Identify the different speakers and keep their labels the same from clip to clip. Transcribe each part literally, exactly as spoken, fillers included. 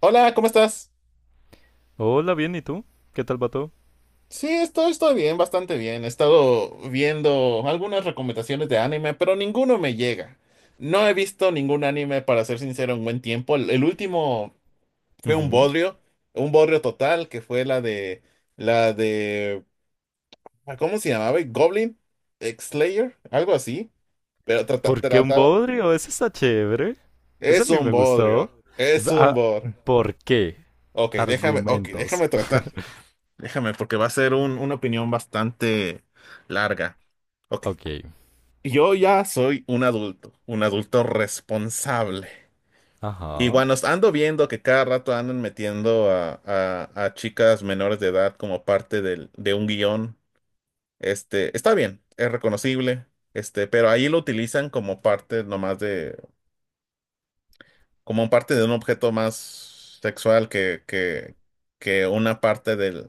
Speaker 1: Hola, ¿cómo estás?
Speaker 2: Hola, bien, ¿y tú? ¿Qué tal va todo?
Speaker 1: Sí, estoy, estoy bien, bastante bien. He estado viendo algunas recomendaciones de anime, pero ninguno me llega. No he visto ningún anime, para ser sincero, en buen tiempo. El, el último fue un
Speaker 2: Ujú.
Speaker 1: bodrio, un bodrio total, que fue la de, la de, ah, ¿cómo se llamaba? Goblin Slayer, algo así. Pero trata-
Speaker 2: ¿Por qué un
Speaker 1: trataba,
Speaker 2: bodrio? Ese está chévere. Ese a
Speaker 1: es
Speaker 2: mí
Speaker 1: un
Speaker 2: me
Speaker 1: bodrio,
Speaker 2: gustó.
Speaker 1: es un
Speaker 2: Ah,
Speaker 1: bodrio.
Speaker 2: ¿por qué?
Speaker 1: Ok, déjame, ok,
Speaker 2: Argumentos.
Speaker 1: déjame tratar. Déjame, porque va a ser un- una opinión bastante larga. Ok.
Speaker 2: Ok.
Speaker 1: Yo ya soy un adulto, un adulto responsable. Y
Speaker 2: Ajá.
Speaker 1: cuando ando viendo que cada rato andan metiendo a, a- a chicas menores de edad como parte del- de un guión, este, está bien, es reconocible, este, pero ahí lo utilizan como parte nomás de, como parte de un objeto más sexual que, que, que una parte del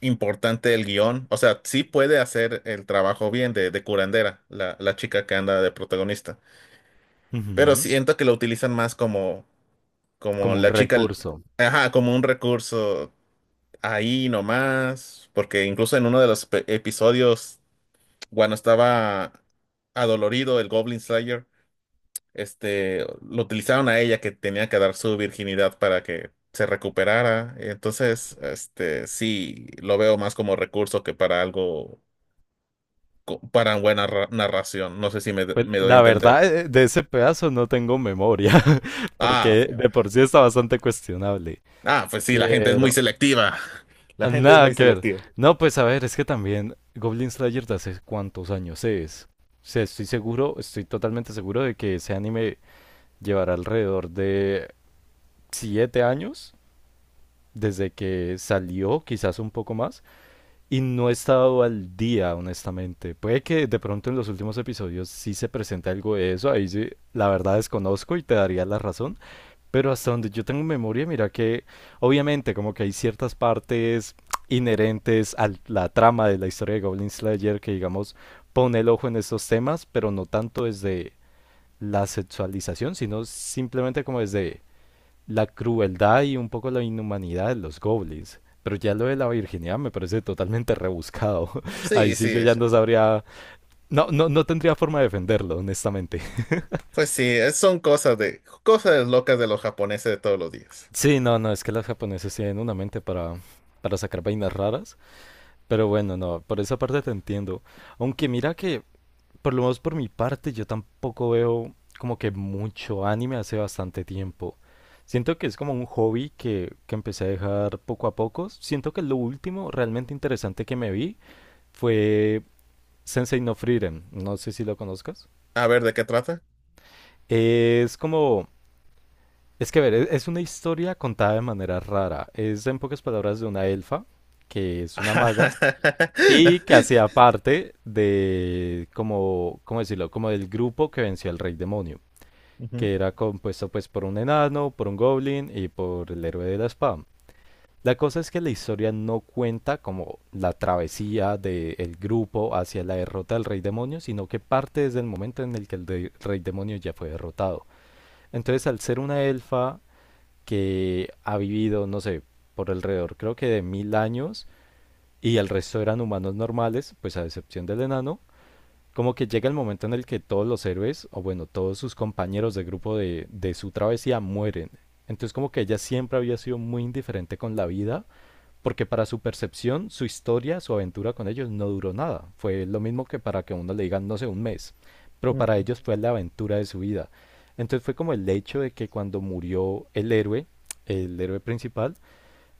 Speaker 1: importante el guión. O sea, sí puede hacer el trabajo bien de, de curandera, la, la chica que anda de protagonista. Pero
Speaker 2: Ujú.
Speaker 1: siento que lo utilizan más como, como
Speaker 2: Como un
Speaker 1: la chica,
Speaker 2: recurso.
Speaker 1: ajá, como un recurso ahí nomás. Porque incluso en uno de los pe- episodios, cuando estaba adolorido el Goblin Slayer, este, lo utilizaron a ella que tenía que dar su virginidad para que se recuperara. Entonces, este, sí, lo veo más como recurso que para algo co- para buena ra- narración. No sé si me,
Speaker 2: Pues
Speaker 1: me doy a
Speaker 2: la
Speaker 1: entender.
Speaker 2: verdad, eh, de ese pedazo no tengo memoria,
Speaker 1: Ah,
Speaker 2: porque
Speaker 1: pues,
Speaker 2: de por sí está bastante cuestionable.
Speaker 1: ah, pues sí, la gente es muy
Speaker 2: Pero
Speaker 1: selectiva. La
Speaker 2: ah,
Speaker 1: gente es
Speaker 2: nada
Speaker 1: muy
Speaker 2: que ver.
Speaker 1: selectiva.
Speaker 2: No, pues a ver, es que también Goblin Slayer de hace cuántos años es. O sea, estoy seguro, estoy totalmente seguro de que ese anime llevará alrededor de siete años desde que salió, quizás un poco más, y no he estado al día, honestamente. Puede que de pronto en los últimos episodios sí se presente algo de eso, ahí sí, la verdad desconozco y te daría la razón, pero hasta donde yo tengo memoria, mira que obviamente como que hay ciertas partes inherentes a la trama de la historia de Goblin Slayer que digamos pone el ojo en estos temas, pero no tanto desde la sexualización, sino simplemente como desde la crueldad y un poco la inhumanidad de los goblins. Pero ya lo de la virginidad me parece totalmente rebuscado. Ahí
Speaker 1: Sí, sí,
Speaker 2: sí yo ya
Speaker 1: es-
Speaker 2: no sabría... No, no, no tendría forma de defenderlo, honestamente.
Speaker 1: pues sí, es- son cosas de cosas locas de los japoneses de todos los días.
Speaker 2: Sí, no, no, es que los japoneses tienen una mente para, para sacar vainas raras. Pero bueno, no, por esa parte te entiendo. Aunque mira que por lo menos por mi parte, yo tampoco veo como que mucho anime hace bastante tiempo. Siento que es como un hobby que, que empecé a dejar poco a poco. Siento que lo último realmente interesante que me vi fue Sensei no Frieren. No sé si lo conozcas.
Speaker 1: A ver, ¿de qué trata?
Speaker 2: Es como... Es que, a ver, es es una historia contada de manera rara. Es, en pocas palabras, de una elfa, que es una maga, y que hacía parte de, como, ¿cómo decirlo? Como del grupo que venció al rey demonio,
Speaker 1: Ujú,
Speaker 2: que era compuesto pues por un enano, por un goblin y por el héroe de la espada. La cosa es que la historia no cuenta como la travesía del grupo hacia la derrota del rey demonio, sino que parte desde el momento en el que el de- rey demonio ya fue derrotado. Entonces, al ser una elfa que ha vivido, no sé, por alrededor creo que de mil años, y el resto eran humanos normales, pues a excepción del enano, como que llega el momento en el que todos los héroes, o bueno, todos sus compañeros de grupo de, de su travesía mueren. Entonces como que ella siempre había sido muy indiferente con la vida, porque para su percepción, su historia, su aventura con ellos no duró nada. Fue lo mismo que para que uno le digan, no sé, un mes. Pero para
Speaker 1: ujú.
Speaker 2: ellos fue la aventura de su vida. Entonces fue como el hecho de que cuando murió el héroe, el héroe principal,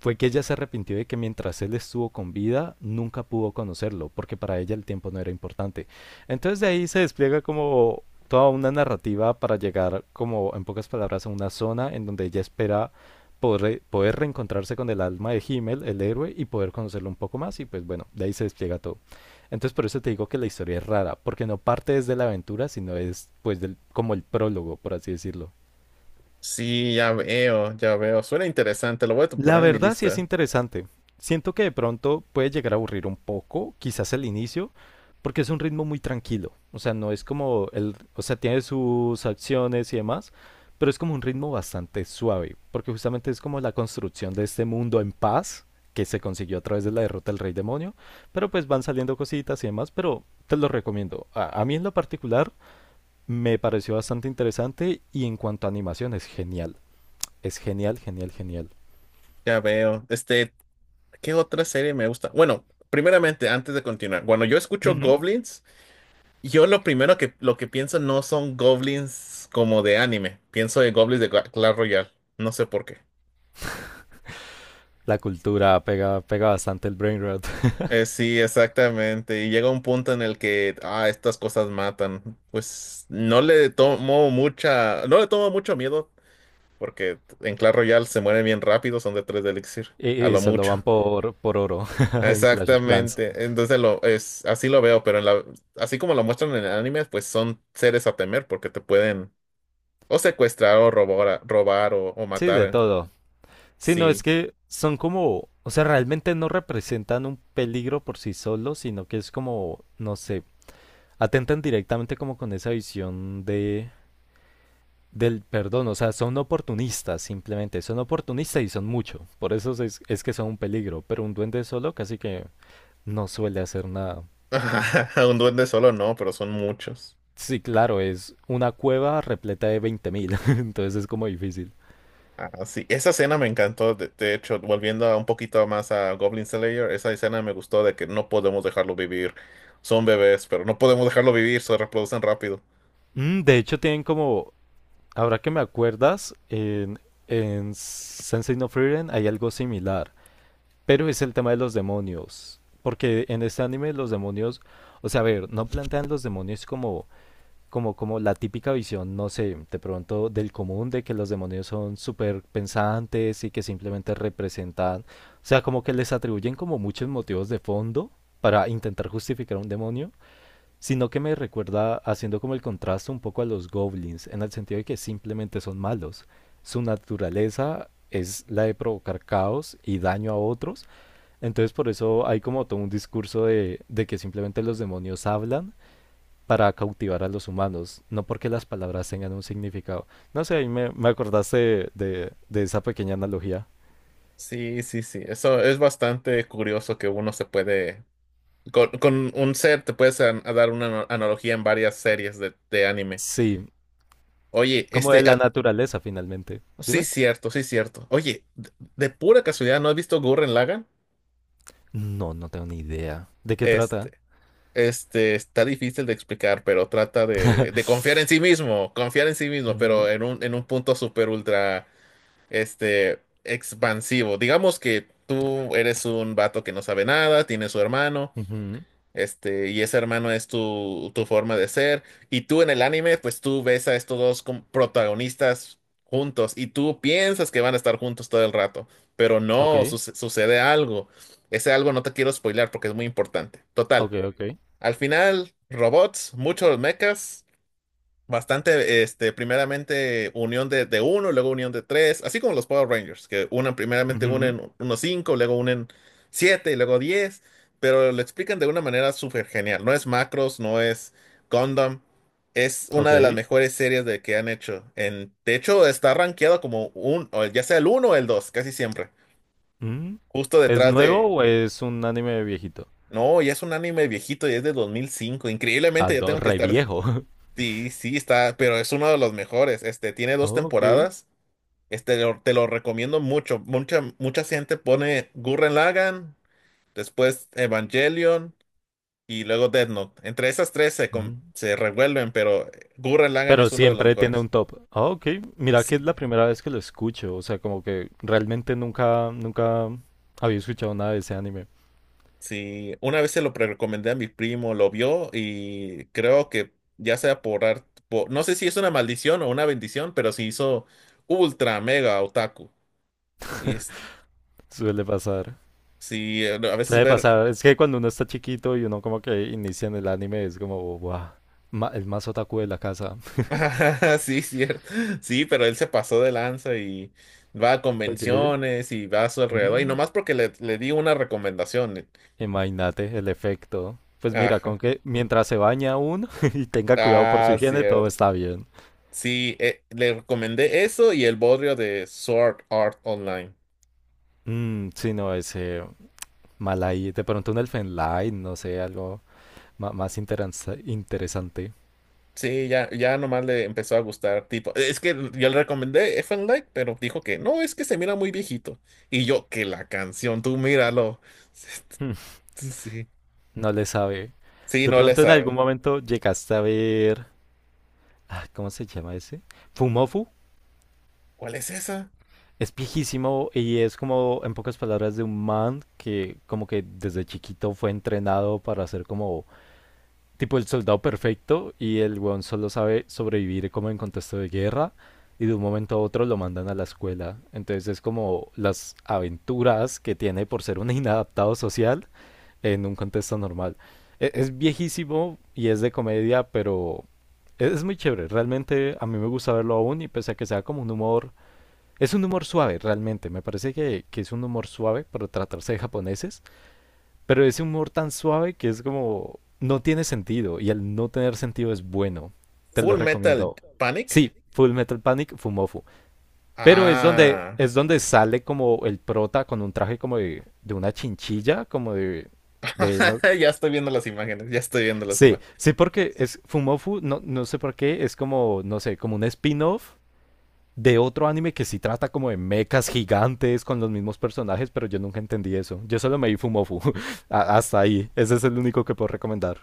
Speaker 2: fue que ella se arrepintió de que mientras él estuvo con vida nunca pudo conocerlo, porque para ella el tiempo no era importante. Entonces de ahí se despliega como toda una narrativa para llegar como en pocas palabras a una zona en donde ella espera poder, re- poder reencontrarse con el alma de Himmel, el héroe, y poder conocerlo un poco más y pues bueno, de ahí se despliega todo. Entonces por eso te digo que la historia es rara, porque no parte desde la aventura, sino es pues del, como el prólogo, por así decirlo.
Speaker 1: Sí, ya veo, ya veo. Suena interesante, lo voy a
Speaker 2: La
Speaker 1: poner en mi
Speaker 2: verdad sí es
Speaker 1: lista.
Speaker 2: interesante. Siento que de pronto puede llegar a aburrir un poco, quizás el inicio, porque es un ritmo muy tranquilo. O sea, no es como el, o sea, tiene sus acciones y demás, pero es como un ritmo bastante suave, porque justamente es como la construcción de este mundo en paz que se consiguió a través de la derrota del Rey Demonio, pero pues van saliendo cositas y demás, pero te lo recomiendo. A, a mí en lo particular me pareció bastante interesante y en cuanto a animación es genial. Es genial, genial, genial.
Speaker 1: Ya veo. Este, ¿qué otra serie me gusta? Bueno, primeramente, antes de continuar, cuando yo escucho Goblins, yo lo primero que, lo que pienso no son goblins como de anime. Pienso en goblins de Cla- Clash Royale. No sé por qué.
Speaker 2: La cultura pega, pega bastante el brain rot
Speaker 1: Eh, sí, exactamente. Y llega un punto en el que, ah, estas cosas matan. Pues no le tomo mucha, no le tomo mucho miedo, porque en Clash Royale se mueren bien rápido, son de tres de elixir,
Speaker 2: y,
Speaker 1: a
Speaker 2: y
Speaker 1: lo
Speaker 2: solo
Speaker 1: mucho.
Speaker 2: van por, por oro en Clash of Clans.
Speaker 1: Exactamente. Entonces lo es, así lo veo, pero en la, así como lo muestran en el anime, pues son seres a temer porque te pueden o secuestrar o robar, robar o, o
Speaker 2: Sí,
Speaker 1: matar.
Speaker 2: de
Speaker 1: eh,
Speaker 2: todo. Sí, no, es
Speaker 1: Sí.
Speaker 2: que son como, o sea, realmente no representan un peligro por sí solos, sino que es como, no sé, atentan directamente como con esa visión de del perdón, o sea, son oportunistas simplemente, son oportunistas y son mucho, por eso es, es que son un peligro, pero un duende solo casi que no suele hacer nada.
Speaker 1: Un duende solo no, pero son muchos.
Speaker 2: Sí, claro, es una cueva repleta de veinte mil, entonces es como difícil.
Speaker 1: Ah, sí. Esa escena me encantó. De, de hecho, volviendo a un poquito más a Goblin Slayer, esa escena me gustó de que no podemos dejarlo vivir. Son bebés, pero no podemos dejarlo vivir, se reproducen rápido.
Speaker 2: Mm, de hecho, tienen como, ahora que me acuerdas, en, en Sensei no Frieren hay algo similar, pero es el tema de los demonios, porque en este anime los demonios, o sea, a ver, no plantean los demonios como como, como la típica visión, no sé, de pronto del común, de que los demonios son súper pensantes y que simplemente representan, o sea, como que les atribuyen como muchos motivos de fondo para intentar justificar a un demonio, sino que me recuerda haciendo como el contraste un poco a los goblins, en el sentido de que simplemente son malos. Su naturaleza es la de provocar caos y daño a otros, entonces por eso hay como todo un discurso de, de que simplemente los demonios hablan para cautivar a los humanos, no porque las palabras tengan un significado. No sé, ahí me, me acordaste de, de- de esa pequeña analogía.
Speaker 1: Sí, sí, sí. Eso es bastante curioso que uno se puede. Con, con un ser te puedes an- a dar una ano- analogía en varias series de, de anime.
Speaker 2: Sí,
Speaker 1: Oye,
Speaker 2: como de
Speaker 1: este...
Speaker 2: la
Speaker 1: ah,
Speaker 2: naturaleza finalmente.
Speaker 1: sí,
Speaker 2: Dime.
Speaker 1: cierto, sí, cierto. Oye, de, de pura casualidad, ¿no has visto Gurren Lagann?
Speaker 2: No, no tengo ni idea. ¿De qué trata?
Speaker 1: Este, Este, está difícil de explicar, pero trata de, de confiar en sí mismo, confiar en sí mismo, pero
Speaker 2: Ujú,
Speaker 1: en un, en un punto super ultra, este, expansivo. Digamos que tú eres un vato que no sabe nada, tiene su hermano,
Speaker 2: ujú.
Speaker 1: este, y ese hermano es tu, tu forma de ser, y tú en el anime, pues tú ves a estos dos como protagonistas juntos, y tú piensas que van a estar juntos todo el rato, pero
Speaker 2: Ok,
Speaker 1: no, suce- sucede algo. Ese algo no te quiero spoilear porque es muy importante. Total.
Speaker 2: ok, ok.
Speaker 1: Al final, robots, muchos mechas, bastante, este, primeramente unión de, de uno, luego unión de tres, así como los Power Rangers, que unen primeramente
Speaker 2: Ujú,
Speaker 1: unen unos cinco, luego unen siete y luego diez, pero lo explican de una manera súper genial. No es Macros, no es Gundam, es una de las
Speaker 2: ok.
Speaker 1: mejores series de que han hecho. En, de hecho, está rankeado como un, o ya sea el uno o el dos, casi siempre,
Speaker 2: Mm.
Speaker 1: justo
Speaker 2: ¿Es
Speaker 1: detrás de.
Speaker 2: nuevo o es un anime viejito?
Speaker 1: No, ya es un anime viejito y es de dos mil cinco.
Speaker 2: Ah,
Speaker 1: Increíblemente, ya
Speaker 2: no,
Speaker 1: tengo que
Speaker 2: re
Speaker 1: estar.
Speaker 2: viejo.
Speaker 1: Sí, sí, está, pero es uno de los mejores. Este, tiene dos
Speaker 2: Ok.
Speaker 1: temporadas. Este, lo- te lo recomiendo mucho. Mucha, mucha gente pone Gurren Lagann, después Evangelion y luego Death Note. Entre esas tres se, com- se revuelven, pero Gurren Lagann
Speaker 2: Pero
Speaker 1: es uno de los
Speaker 2: siempre tiene
Speaker 1: mejores.
Speaker 2: un top. Ah, ok. Mira que es la
Speaker 1: Sí.
Speaker 2: primera vez que lo escucho. O sea, como que realmente nunca, nunca había escuchado nada de ese anime.
Speaker 1: Sí, una vez se lo pre- recomendé a mi primo, lo vio y creo que ya sea por arte, no sé si es una maldición o una bendición, pero se hizo ultra mega otaku. Y es-
Speaker 2: Suele pasar.
Speaker 1: sí, a veces
Speaker 2: Suele
Speaker 1: ver.
Speaker 2: pasar. Es que cuando uno está chiquito y uno como que inicia en el anime es como, wow, el más otaku de la casa.
Speaker 1: Sí, cierto. Sí, pero él se pasó de lanza y va a
Speaker 2: Ok.
Speaker 1: convenciones y va a su alrededor. Y
Speaker 2: Mm,
Speaker 1: nomás porque le, le di una recomendación. eh.
Speaker 2: imagínate el efecto. Pues mira,
Speaker 1: Ajá.
Speaker 2: con que mientras se baña uno y tenga cuidado por su
Speaker 1: Ah,
Speaker 2: higiene, todo está
Speaker 1: cierto.
Speaker 2: bien.
Speaker 1: Sí, eh, le recomendé eso y el bodrio de Sword Art Online.
Speaker 2: Mm, sí, no, ese mal ahí. De pronto un Elfen Lied, no sé, algo ma- más interanza- interesante.
Speaker 1: Sí, ya, ya nomás le empezó a gustar. Tipo, es que yo le recomendé F and Light, pero dijo que no, es que se mira muy viejito. Y yo, que la canción, tú míralo.
Speaker 2: Hmm,
Speaker 1: Sí,
Speaker 2: no le sabe.
Speaker 1: sí,
Speaker 2: De
Speaker 1: no le
Speaker 2: pronto en algún
Speaker 1: sabe.
Speaker 2: momento llegaste a ver... ah, ¿cómo se llama ese? Fumofu.
Speaker 1: ¿Cuál es esa?
Speaker 2: Es viejísimo y es como, en pocas palabras, de un man que como que desde chiquito fue entrenado para ser como tipo el soldado perfecto y el weón solo sabe sobrevivir como en contexto de guerra y de un momento a otro lo mandan a la escuela. Entonces es como las aventuras que tiene por ser un inadaptado social en un contexto normal. E- Es, viejísimo y es de comedia, pero es, es muy chévere. Realmente a mí me gusta verlo aún y pese a que sea como un humor... Es un humor suave, realmente. Me parece que, que es un humor suave para tratarse de japoneses, pero ese humor tan suave que es como... No tiene sentido y el no tener sentido es bueno. Te lo
Speaker 1: Full Metal
Speaker 2: recomiendo.
Speaker 1: Panic.
Speaker 2: Sí, Full Metal Panic, Fumofu. Pero es donde,
Speaker 1: Ah,
Speaker 2: es donde sale como el prota con un traje como de, de una chinchilla, como de, de, no-
Speaker 1: ya estoy viendo las imágenes, ya estoy viendo las
Speaker 2: Sí,
Speaker 1: imágenes.
Speaker 2: sí, porque es Fumofu, no, no sé por qué, es como, no sé, como un spin-off de otro anime que sí trata como de mechas gigantes con los mismos personajes, pero yo nunca entendí eso. Yo solo me vi Fumofu, a- hasta ahí. Ese es el único que puedo recomendar.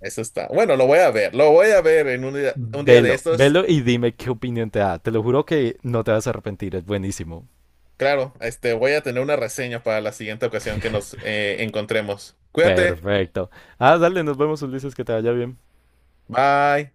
Speaker 1: Eso está. Bueno, lo voy a ver, lo voy a ver en un día, un día de
Speaker 2: Velo,
Speaker 1: estos.
Speaker 2: velo y dime qué opinión te da. Te lo juro que no te vas a arrepentir, es buenísimo.
Speaker 1: Claro, este, voy a tener una reseña para la siguiente ocasión que nos eh, encontremos. Cuídate,
Speaker 2: Perfecto. Ah, dale, nos vemos, Ulises, que te vaya bien.
Speaker 1: bye.